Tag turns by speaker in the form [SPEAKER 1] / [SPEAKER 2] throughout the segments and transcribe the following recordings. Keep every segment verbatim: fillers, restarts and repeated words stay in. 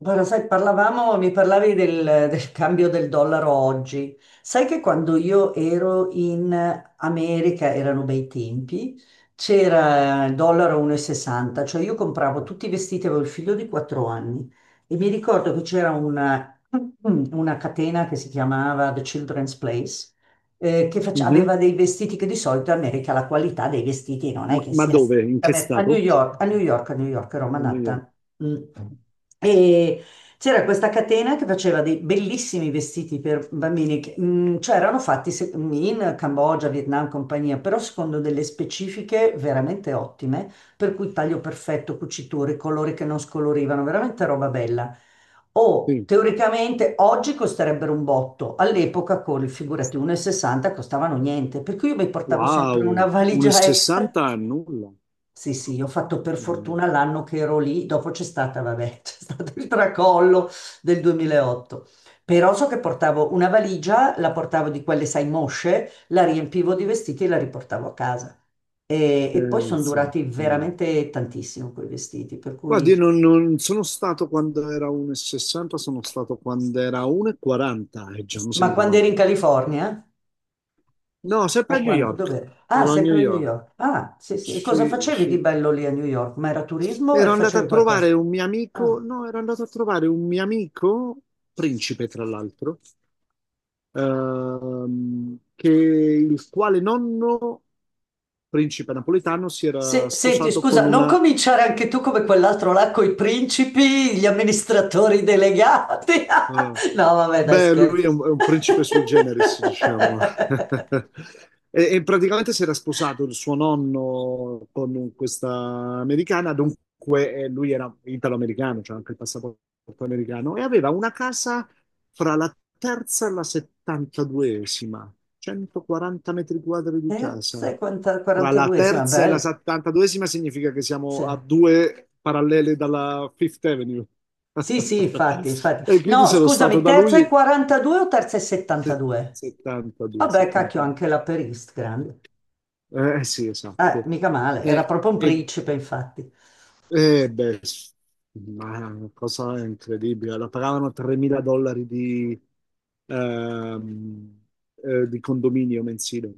[SPEAKER 1] Guarda, sai, parlavamo, mi parlavi del, del cambio del dollaro oggi. Sai che quando io ero in America, erano bei tempi, c'era il dollaro uno e sessanta, cioè io compravo tutti i vestiti, avevo il figlio di quattro anni e mi ricordo che c'era una, una catena che si chiamava The Children's Place eh, che face-
[SPEAKER 2] Mhm.
[SPEAKER 1] aveva dei vestiti che di solito in America la qualità dei vestiti non è
[SPEAKER 2] Ma
[SPEAKER 1] che
[SPEAKER 2] ma
[SPEAKER 1] sia
[SPEAKER 2] dove? In che
[SPEAKER 1] esattamente- a New
[SPEAKER 2] stato?
[SPEAKER 1] York, a New York, a New York, ero a
[SPEAKER 2] A New York.
[SPEAKER 1] Manhattan. Mm. E c'era questa catena che faceva dei bellissimi vestiti per bambini, che, mm, cioè erano fatti se- in Cambogia, Vietnam, compagnia, però secondo delle specifiche veramente ottime, per cui taglio perfetto, cuciture, colori che non scolorivano, veramente roba bella. O
[SPEAKER 2] Sì.
[SPEAKER 1] teoricamente oggi costerebbero un botto, all'epoca con, figurati, uno e sessanta costavano niente, per cui io mi portavo
[SPEAKER 2] Wow,
[SPEAKER 1] sempre una valigia extra.
[SPEAKER 2] uno virgola sessanta è nulla.
[SPEAKER 1] Sì, sì, ho fatto per fortuna l'anno che ero lì, dopo c'è stata, vabbè, c'è stato il tracollo del duemilaotto. Però so che portavo una valigia, la portavo di quelle, sai, mosce, la riempivo di vestiti e la riportavo a casa. E, e poi sono
[SPEAKER 2] Pensa.
[SPEAKER 1] durati
[SPEAKER 2] Mm.
[SPEAKER 1] veramente tantissimo quei vestiti, per
[SPEAKER 2] Guardi,
[SPEAKER 1] cui.
[SPEAKER 2] io non, non sono stato quando era uno virgola sessanta, sono stato quando era uno virgola quaranta e quaranta e già mi
[SPEAKER 1] Ma
[SPEAKER 2] sembrava.
[SPEAKER 1] quando eri in
[SPEAKER 2] poco.
[SPEAKER 1] California?
[SPEAKER 2] No,
[SPEAKER 1] O
[SPEAKER 2] sempre a New
[SPEAKER 1] quando,
[SPEAKER 2] York.
[SPEAKER 1] dove? Ah,
[SPEAKER 2] Ero a New
[SPEAKER 1] sempre a New
[SPEAKER 2] York.
[SPEAKER 1] York. Ah, sì, sì. E cosa
[SPEAKER 2] Sì,
[SPEAKER 1] facevi di
[SPEAKER 2] sì.
[SPEAKER 1] bello lì a New York? Ma era turismo o
[SPEAKER 2] Ero andato a
[SPEAKER 1] facevi qualcosa?
[SPEAKER 2] trovare un mio
[SPEAKER 1] Ah.
[SPEAKER 2] amico, no, ero andato a trovare un mio amico, principe tra l'altro, ehm, che il quale nonno, principe napoletano, si era
[SPEAKER 1] Se- senti,
[SPEAKER 2] sposato con
[SPEAKER 1] scusa, non
[SPEAKER 2] una
[SPEAKER 1] cominciare anche tu come quell'altro là con i principi, gli amministratori delegati.
[SPEAKER 2] eh,
[SPEAKER 1] No, vabbè, dai,
[SPEAKER 2] Beh, lui è
[SPEAKER 1] scherzo.
[SPEAKER 2] un, è un principe sui generis, diciamo. E, e praticamente si era sposato il suo nonno con questa americana, dunque eh, lui era italo-americano, cioè anche il passaporto americano, e aveva una casa fra la terza e la settantaduesima, centoquaranta metri quadri di casa.
[SPEAKER 1] Terza e
[SPEAKER 2] Fra la
[SPEAKER 1] quarantaduesima,
[SPEAKER 2] terza e la
[SPEAKER 1] bello.
[SPEAKER 2] settantaduesima significa che
[SPEAKER 1] Sì,
[SPEAKER 2] siamo a due parallele dalla Fifth Avenue.
[SPEAKER 1] sì, sì, infatti, infatti.
[SPEAKER 2] E quindi
[SPEAKER 1] No,
[SPEAKER 2] sono stato
[SPEAKER 1] scusami,
[SPEAKER 2] da
[SPEAKER 1] terza
[SPEAKER 2] lui
[SPEAKER 1] e quarantadue o terza e
[SPEAKER 2] se-
[SPEAKER 1] settantadue?
[SPEAKER 2] settantadue,
[SPEAKER 1] Vabbè, cacchio,
[SPEAKER 2] settantadue.
[SPEAKER 1] anche la perist, grande.
[SPEAKER 2] Eh sì,
[SPEAKER 1] Eh,
[SPEAKER 2] esatto.
[SPEAKER 1] mica male, era
[SPEAKER 2] E,
[SPEAKER 1] proprio un
[SPEAKER 2] e-
[SPEAKER 1] principe, infatti.
[SPEAKER 2] e, beh, s- ma è una cosa incredibile. La pagavano tremila dollari di, ehm, eh, di condominio mensile.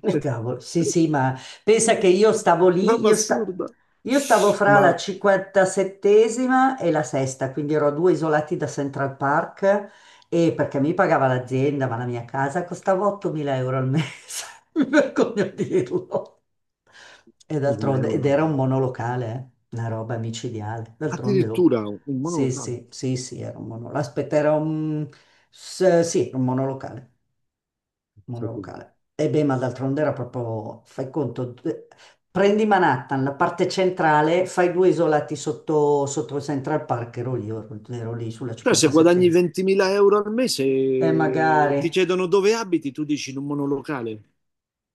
[SPEAKER 1] E cavolo, sì, sì, ma pensa che io stavo lì,
[SPEAKER 2] Roba
[SPEAKER 1] io, sta-
[SPEAKER 2] assurda.
[SPEAKER 1] io stavo fra la
[SPEAKER 2] Ma
[SPEAKER 1] cinquantasettesima e la sesta, quindi ero a due isolati da Central Park e perché mi pagava l'azienda, ma la mia casa costava ottomila euro al mese, mi vergogno a dirlo. E d'altronde,
[SPEAKER 2] l'euro.
[SPEAKER 1] ed era un monolocale, eh, una roba micidiale. D'altronde, oh.
[SPEAKER 2] Addirittura un
[SPEAKER 1] Sì,
[SPEAKER 2] monolocale.
[SPEAKER 1] sì, sì, sì, era un monolocale. Aspetta, era un... s- sì, era un monolocale. Mondo locale. E beh, ma d'altronde era proprio, fai conto, d- prendi Manhattan, la parte centrale, fai due isolati sotto, sotto Central Park, ero lì, ero, ero lì sulla
[SPEAKER 2] Cioè, se guadagni
[SPEAKER 1] cinquantasettesima.
[SPEAKER 2] ventimila euro al mese,
[SPEAKER 1] E magari,
[SPEAKER 2] ti chiedono dove abiti, tu dici in un monolocale.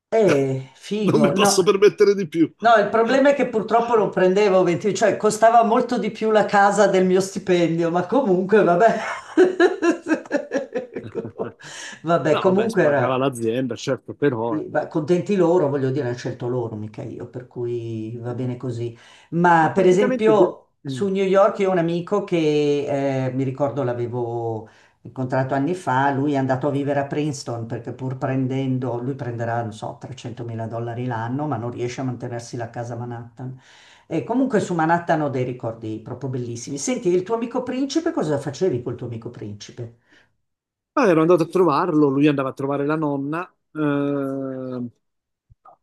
[SPEAKER 1] eh,
[SPEAKER 2] Non mi
[SPEAKER 1] figo,
[SPEAKER 2] posso
[SPEAKER 1] no.
[SPEAKER 2] permettere di più.
[SPEAKER 1] No, il problema è che purtroppo non prendevo venti, cioè costava molto di più la casa del mio stipendio, ma comunque, vabbè. Vabbè,
[SPEAKER 2] No, vabbè,
[SPEAKER 1] comunque era.
[SPEAKER 2] spagava l'azienda, certo, però
[SPEAKER 1] Sì, va- contenti loro, voglio dire, hanno scelto loro, mica io, per cui va bene così.
[SPEAKER 2] eh,
[SPEAKER 1] Ma per
[SPEAKER 2] praticamente tu.
[SPEAKER 1] esempio
[SPEAKER 2] Mm.
[SPEAKER 1] su New York io ho un amico che eh, mi ricordo l'avevo incontrato anni fa, lui è andato a vivere a Princeton perché pur prendendo, lui prenderà, non so, trecentomila dollari l'anno, ma non riesce a mantenersi la casa a Manhattan. E comunque su Manhattan ho dei ricordi proprio bellissimi. Senti, il tuo amico principe, cosa facevi col tuo amico principe?
[SPEAKER 2] Ah, ero andato a trovarlo, lui andava a trovare la nonna, eh,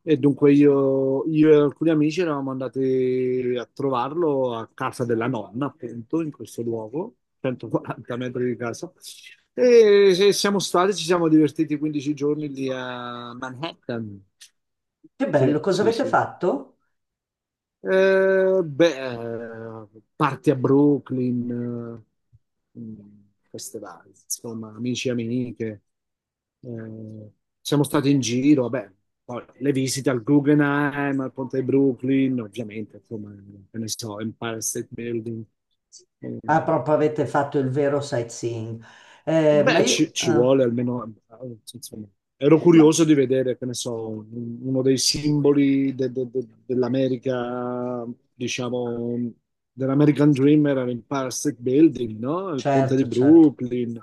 [SPEAKER 2] e dunque io, io e alcuni amici eravamo andati a trovarlo a casa della nonna, appunto, in questo luogo, centoquaranta metri di casa. E se- siamo stati, ci siamo divertiti quindici giorni lì a Manhattan.
[SPEAKER 1] Che
[SPEAKER 2] Sì,
[SPEAKER 1] bello, cosa
[SPEAKER 2] sì,
[SPEAKER 1] avete
[SPEAKER 2] sì.
[SPEAKER 1] fatto?
[SPEAKER 2] Eh, beh, parti a Brooklyn, eh, mh, queste varie, insomma, amici e amiche. Eh, Siamo stati in giro, vabbè, poi le visite al Guggenheim, al Ponte di Brooklyn, ovviamente, insomma, eh, che ne so, Empire State Building. Eh,
[SPEAKER 1] Ah, proprio avete fatto il vero sightseeing. Eh, ma
[SPEAKER 2] Beh,
[SPEAKER 1] io...
[SPEAKER 2] ci, ci
[SPEAKER 1] ah,
[SPEAKER 2] vuole almeno, eh, insomma, ero
[SPEAKER 1] ma-
[SPEAKER 2] curioso di vedere, che ne so, un- uno dei simboli de- de- de- dell'America, diciamo, dell'American Dream era l'Empire State Building, no? Il ponte di
[SPEAKER 1] certo, certo.
[SPEAKER 2] Brooklyn,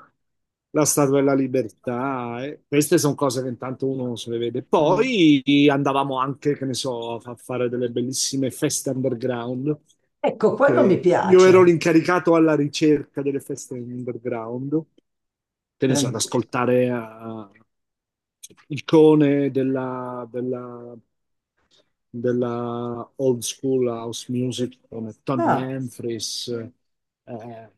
[SPEAKER 2] la Statua della Libertà, eh. Queste sono cose che intanto uno se le vede.
[SPEAKER 1] Mm.
[SPEAKER 2] Poi andavamo anche, che ne so, a fa- fare delle bellissime feste underground,
[SPEAKER 1] Ecco, quello mi
[SPEAKER 2] che io ero
[SPEAKER 1] piace.
[SPEAKER 2] l'incaricato alla ricerca delle feste underground, che ne so, ad
[SPEAKER 1] Grandioso.
[SPEAKER 2] ascoltare eh, il cone della, della- della old school house music come Tony
[SPEAKER 1] Ah.
[SPEAKER 2] Humphries, eh,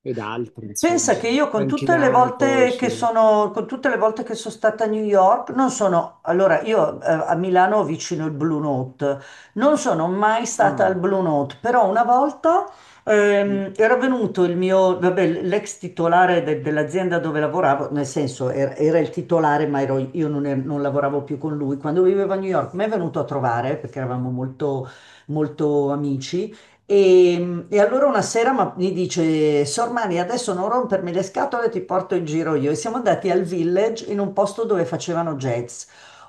[SPEAKER 2] ed altri, insomma,
[SPEAKER 1] Pensa che io con
[SPEAKER 2] Frankie
[SPEAKER 1] tutte le volte
[SPEAKER 2] Knuckles.
[SPEAKER 1] che
[SPEAKER 2] eh.
[SPEAKER 1] sono, con tutte le volte che sono stata a New York, non sono, allora io eh, a Milano ho vicino il Blue Note, non sono mai stata
[SPEAKER 2] Ah,
[SPEAKER 1] al Blue Note, però una volta ehm, era venuto il mio, vabbè, l'ex titolare de- dell'azienda dove lavoravo, nel senso era, era il titolare, ma ero- io non, ero- non lavoravo più con lui, quando vivevo a New York, mi è venuto a trovare perché eravamo molto molto amici. E, e allora una sera ma- mi dice, Sor Mani, adesso non rompermi le scatole, ti porto in giro io. E siamo andati al village in un posto dove facevano jazz.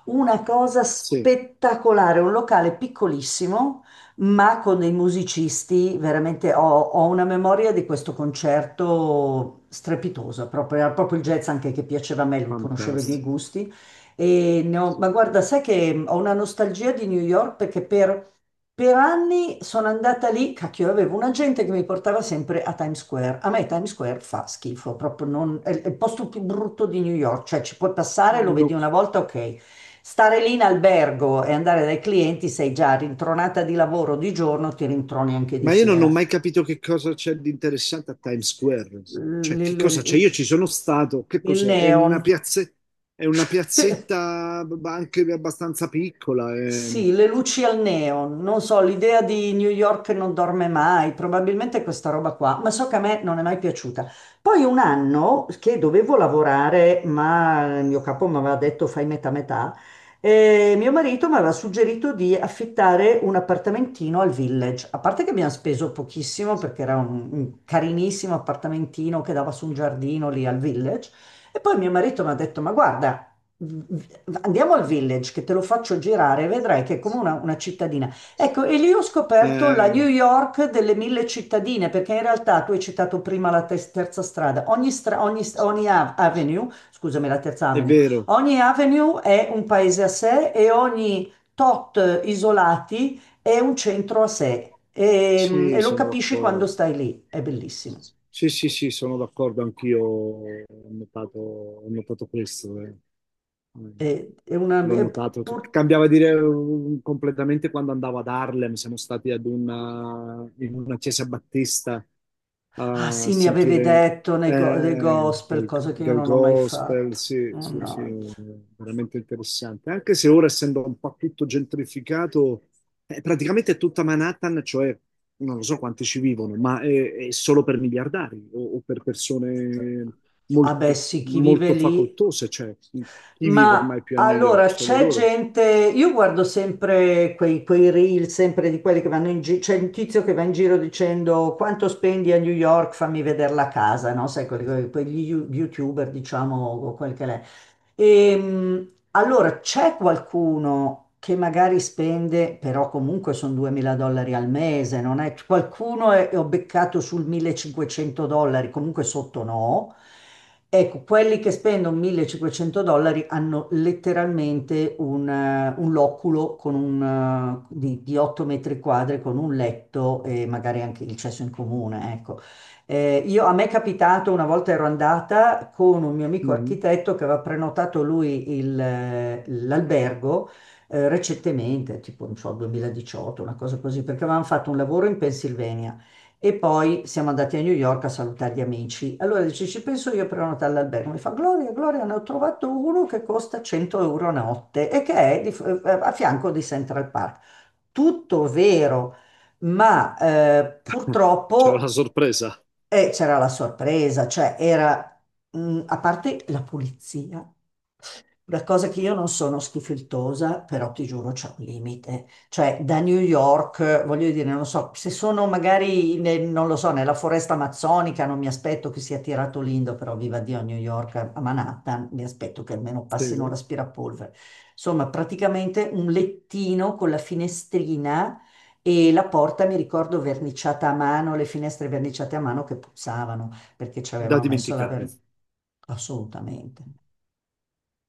[SPEAKER 1] Una cosa
[SPEAKER 2] sì,
[SPEAKER 1] spettacolare, un locale piccolissimo, ma con dei musicisti, veramente ho, ho una memoria di questo concerto strepitosa, proprio, era proprio il jazz anche che piaceva a me, lui conosceva i miei
[SPEAKER 2] fantastico.
[SPEAKER 1] gusti. E ne ho- ma guarda, sai che ho una nostalgia di New York perché per per anni sono andata lì, cacchio, avevo un agente che mi portava sempre a Times Square. A me Times Square fa schifo, proprio non, è è il posto più brutto di New York, cioè ci puoi passare, lo vedi
[SPEAKER 2] No,
[SPEAKER 1] una volta, ok. Stare lì in albergo e andare dai clienti, sei già rintronata di lavoro di giorno, ti rintroni anche di
[SPEAKER 2] ma io non ho
[SPEAKER 1] sera.
[SPEAKER 2] mai capito che cosa c'è di interessante a Times Square.
[SPEAKER 1] L-
[SPEAKER 2] Cioè, che
[SPEAKER 1] l-
[SPEAKER 2] cosa c'è? Io
[SPEAKER 1] l-
[SPEAKER 2] ci sono stato, che
[SPEAKER 1] il
[SPEAKER 2] cos'è? È una
[SPEAKER 1] neon.
[SPEAKER 2] piazze- è una piazzetta, b- anche abbastanza piccola. È,
[SPEAKER 1] Sì, le luci al neon, non so, l'idea di New York non dorme mai, probabilmente questa roba qua, ma so che a me non è mai piaciuta. Poi un anno che dovevo lavorare, ma il mio capo mi aveva detto fai metà metà, e mio marito mi aveva suggerito di affittare un appartamentino al Village, a parte che abbiamo speso pochissimo perché era un, un carinissimo appartamentino che dava su un giardino lì al Village, e poi mio marito mi ha detto ma guarda, andiamo al village che te lo faccio girare, vedrai che è come una, una cittadina. Ecco, e lì ho scoperto la New
[SPEAKER 2] eh,
[SPEAKER 1] York delle mille cittadine, perché in realtà tu hai citato prima la tes- terza strada. Ogni, stra- ogni, ogni av- avenue, scusami, la terza
[SPEAKER 2] è
[SPEAKER 1] avenue,
[SPEAKER 2] vero.
[SPEAKER 1] ogni avenue è un paese a sé e ogni tot isolati è un centro a sé. E, e
[SPEAKER 2] Sì,
[SPEAKER 1] lo
[SPEAKER 2] sono
[SPEAKER 1] capisci quando
[SPEAKER 2] d'accordo.
[SPEAKER 1] stai lì, è bellissimo.
[SPEAKER 2] Sì, sì, sì, sono d'accordo anch'io. Ho notato, ho notato questo. eh. Mm.
[SPEAKER 1] È, è una,
[SPEAKER 2] L'ho
[SPEAKER 1] è-
[SPEAKER 2] notato. Cioè,
[SPEAKER 1] pur-
[SPEAKER 2] cambiava dire um, completamente quando andavo ad Harlem. Siamo stati ad una, in una chiesa battista
[SPEAKER 1] Ah
[SPEAKER 2] a
[SPEAKER 1] sì, mi avevi
[SPEAKER 2] sentire
[SPEAKER 1] detto nei
[SPEAKER 2] eh,
[SPEAKER 1] go- dei gospel,
[SPEAKER 2] del,
[SPEAKER 1] cose che io
[SPEAKER 2] del
[SPEAKER 1] non ho mai
[SPEAKER 2] gospel.
[SPEAKER 1] fatto.
[SPEAKER 2] Sì, sì, sì,
[SPEAKER 1] Mannaggia.
[SPEAKER 2] veramente interessante. Anche se ora, essendo un po' tutto gentrificato, eh, praticamente è tutta Manhattan, cioè non lo so quanti ci vivono, ma è, è solo per miliardari o, o per persone
[SPEAKER 1] Ah beh
[SPEAKER 2] molto,
[SPEAKER 1] sì, chi vive
[SPEAKER 2] molto
[SPEAKER 1] lì.
[SPEAKER 2] facoltose, cioè chi vive
[SPEAKER 1] Ma
[SPEAKER 2] ormai più a New York?
[SPEAKER 1] allora
[SPEAKER 2] Solo
[SPEAKER 1] c'è
[SPEAKER 2] loro.
[SPEAKER 1] gente, io guardo sempre quei, quei reel, sempre di quelli che vanno in giro, c'è un tizio che va in giro dicendo quanto spendi a New York, fammi vedere la casa, no? Sai, quelli, quelli- quegli you- youtuber, diciamo, o quel che è. Ehm, allora, c'è qualcuno che magari spende, però comunque sono duemila dollari al mese, non è? Qualcuno è, ho beccato sul millecinquecento dollari, comunque sotto no. Ecco, quelli che spendono millecinquecento dollari hanno letteralmente un, eh, un loculo con un, eh, di, di otto metri quadri con un letto e magari anche il cesso in comune, ecco. Eh, io- a me è capitato, una volta ero andata con un mio amico
[SPEAKER 2] Mhm.
[SPEAKER 1] architetto che aveva prenotato lui il, eh, l'albergo eh, recentemente, tipo non so, duemiladiciotto, una cosa così, perché avevamo fatto un lavoro in Pennsylvania e poi siamo andati a New York a salutare gli amici. Allora dice, ci penso io a prenotare l'albergo. Mi fa, Gloria, Gloria, ne ho trovato uno che costa cento euro a notte e che è di- a fianco di Central Park. Tutto vero, ma eh,
[SPEAKER 2] C'era la
[SPEAKER 1] purtroppo
[SPEAKER 2] sorpresa,
[SPEAKER 1] eh, c'era la sorpresa, cioè era, mm, a parte la pulizia, una cosa che io non sono schifiltosa, però ti giuro c'è un limite, cioè da New York, eh, voglio dire, non so, se sono magari, ne- non lo so, nella foresta amazzonica non mi aspetto che sia tirato l'indo, però viva Dio a New York, a a Manhattan, mi aspetto che almeno passino
[SPEAKER 2] sì,
[SPEAKER 1] l'aspirapolvere. Insomma, praticamente un lettino con la finestrina e la porta mi ricordo verniciata a mano, le finestre verniciate a mano che puzzavano perché ci
[SPEAKER 2] da
[SPEAKER 1] avevano messo la
[SPEAKER 2] dimenticare.
[SPEAKER 1] vernice. Assolutamente.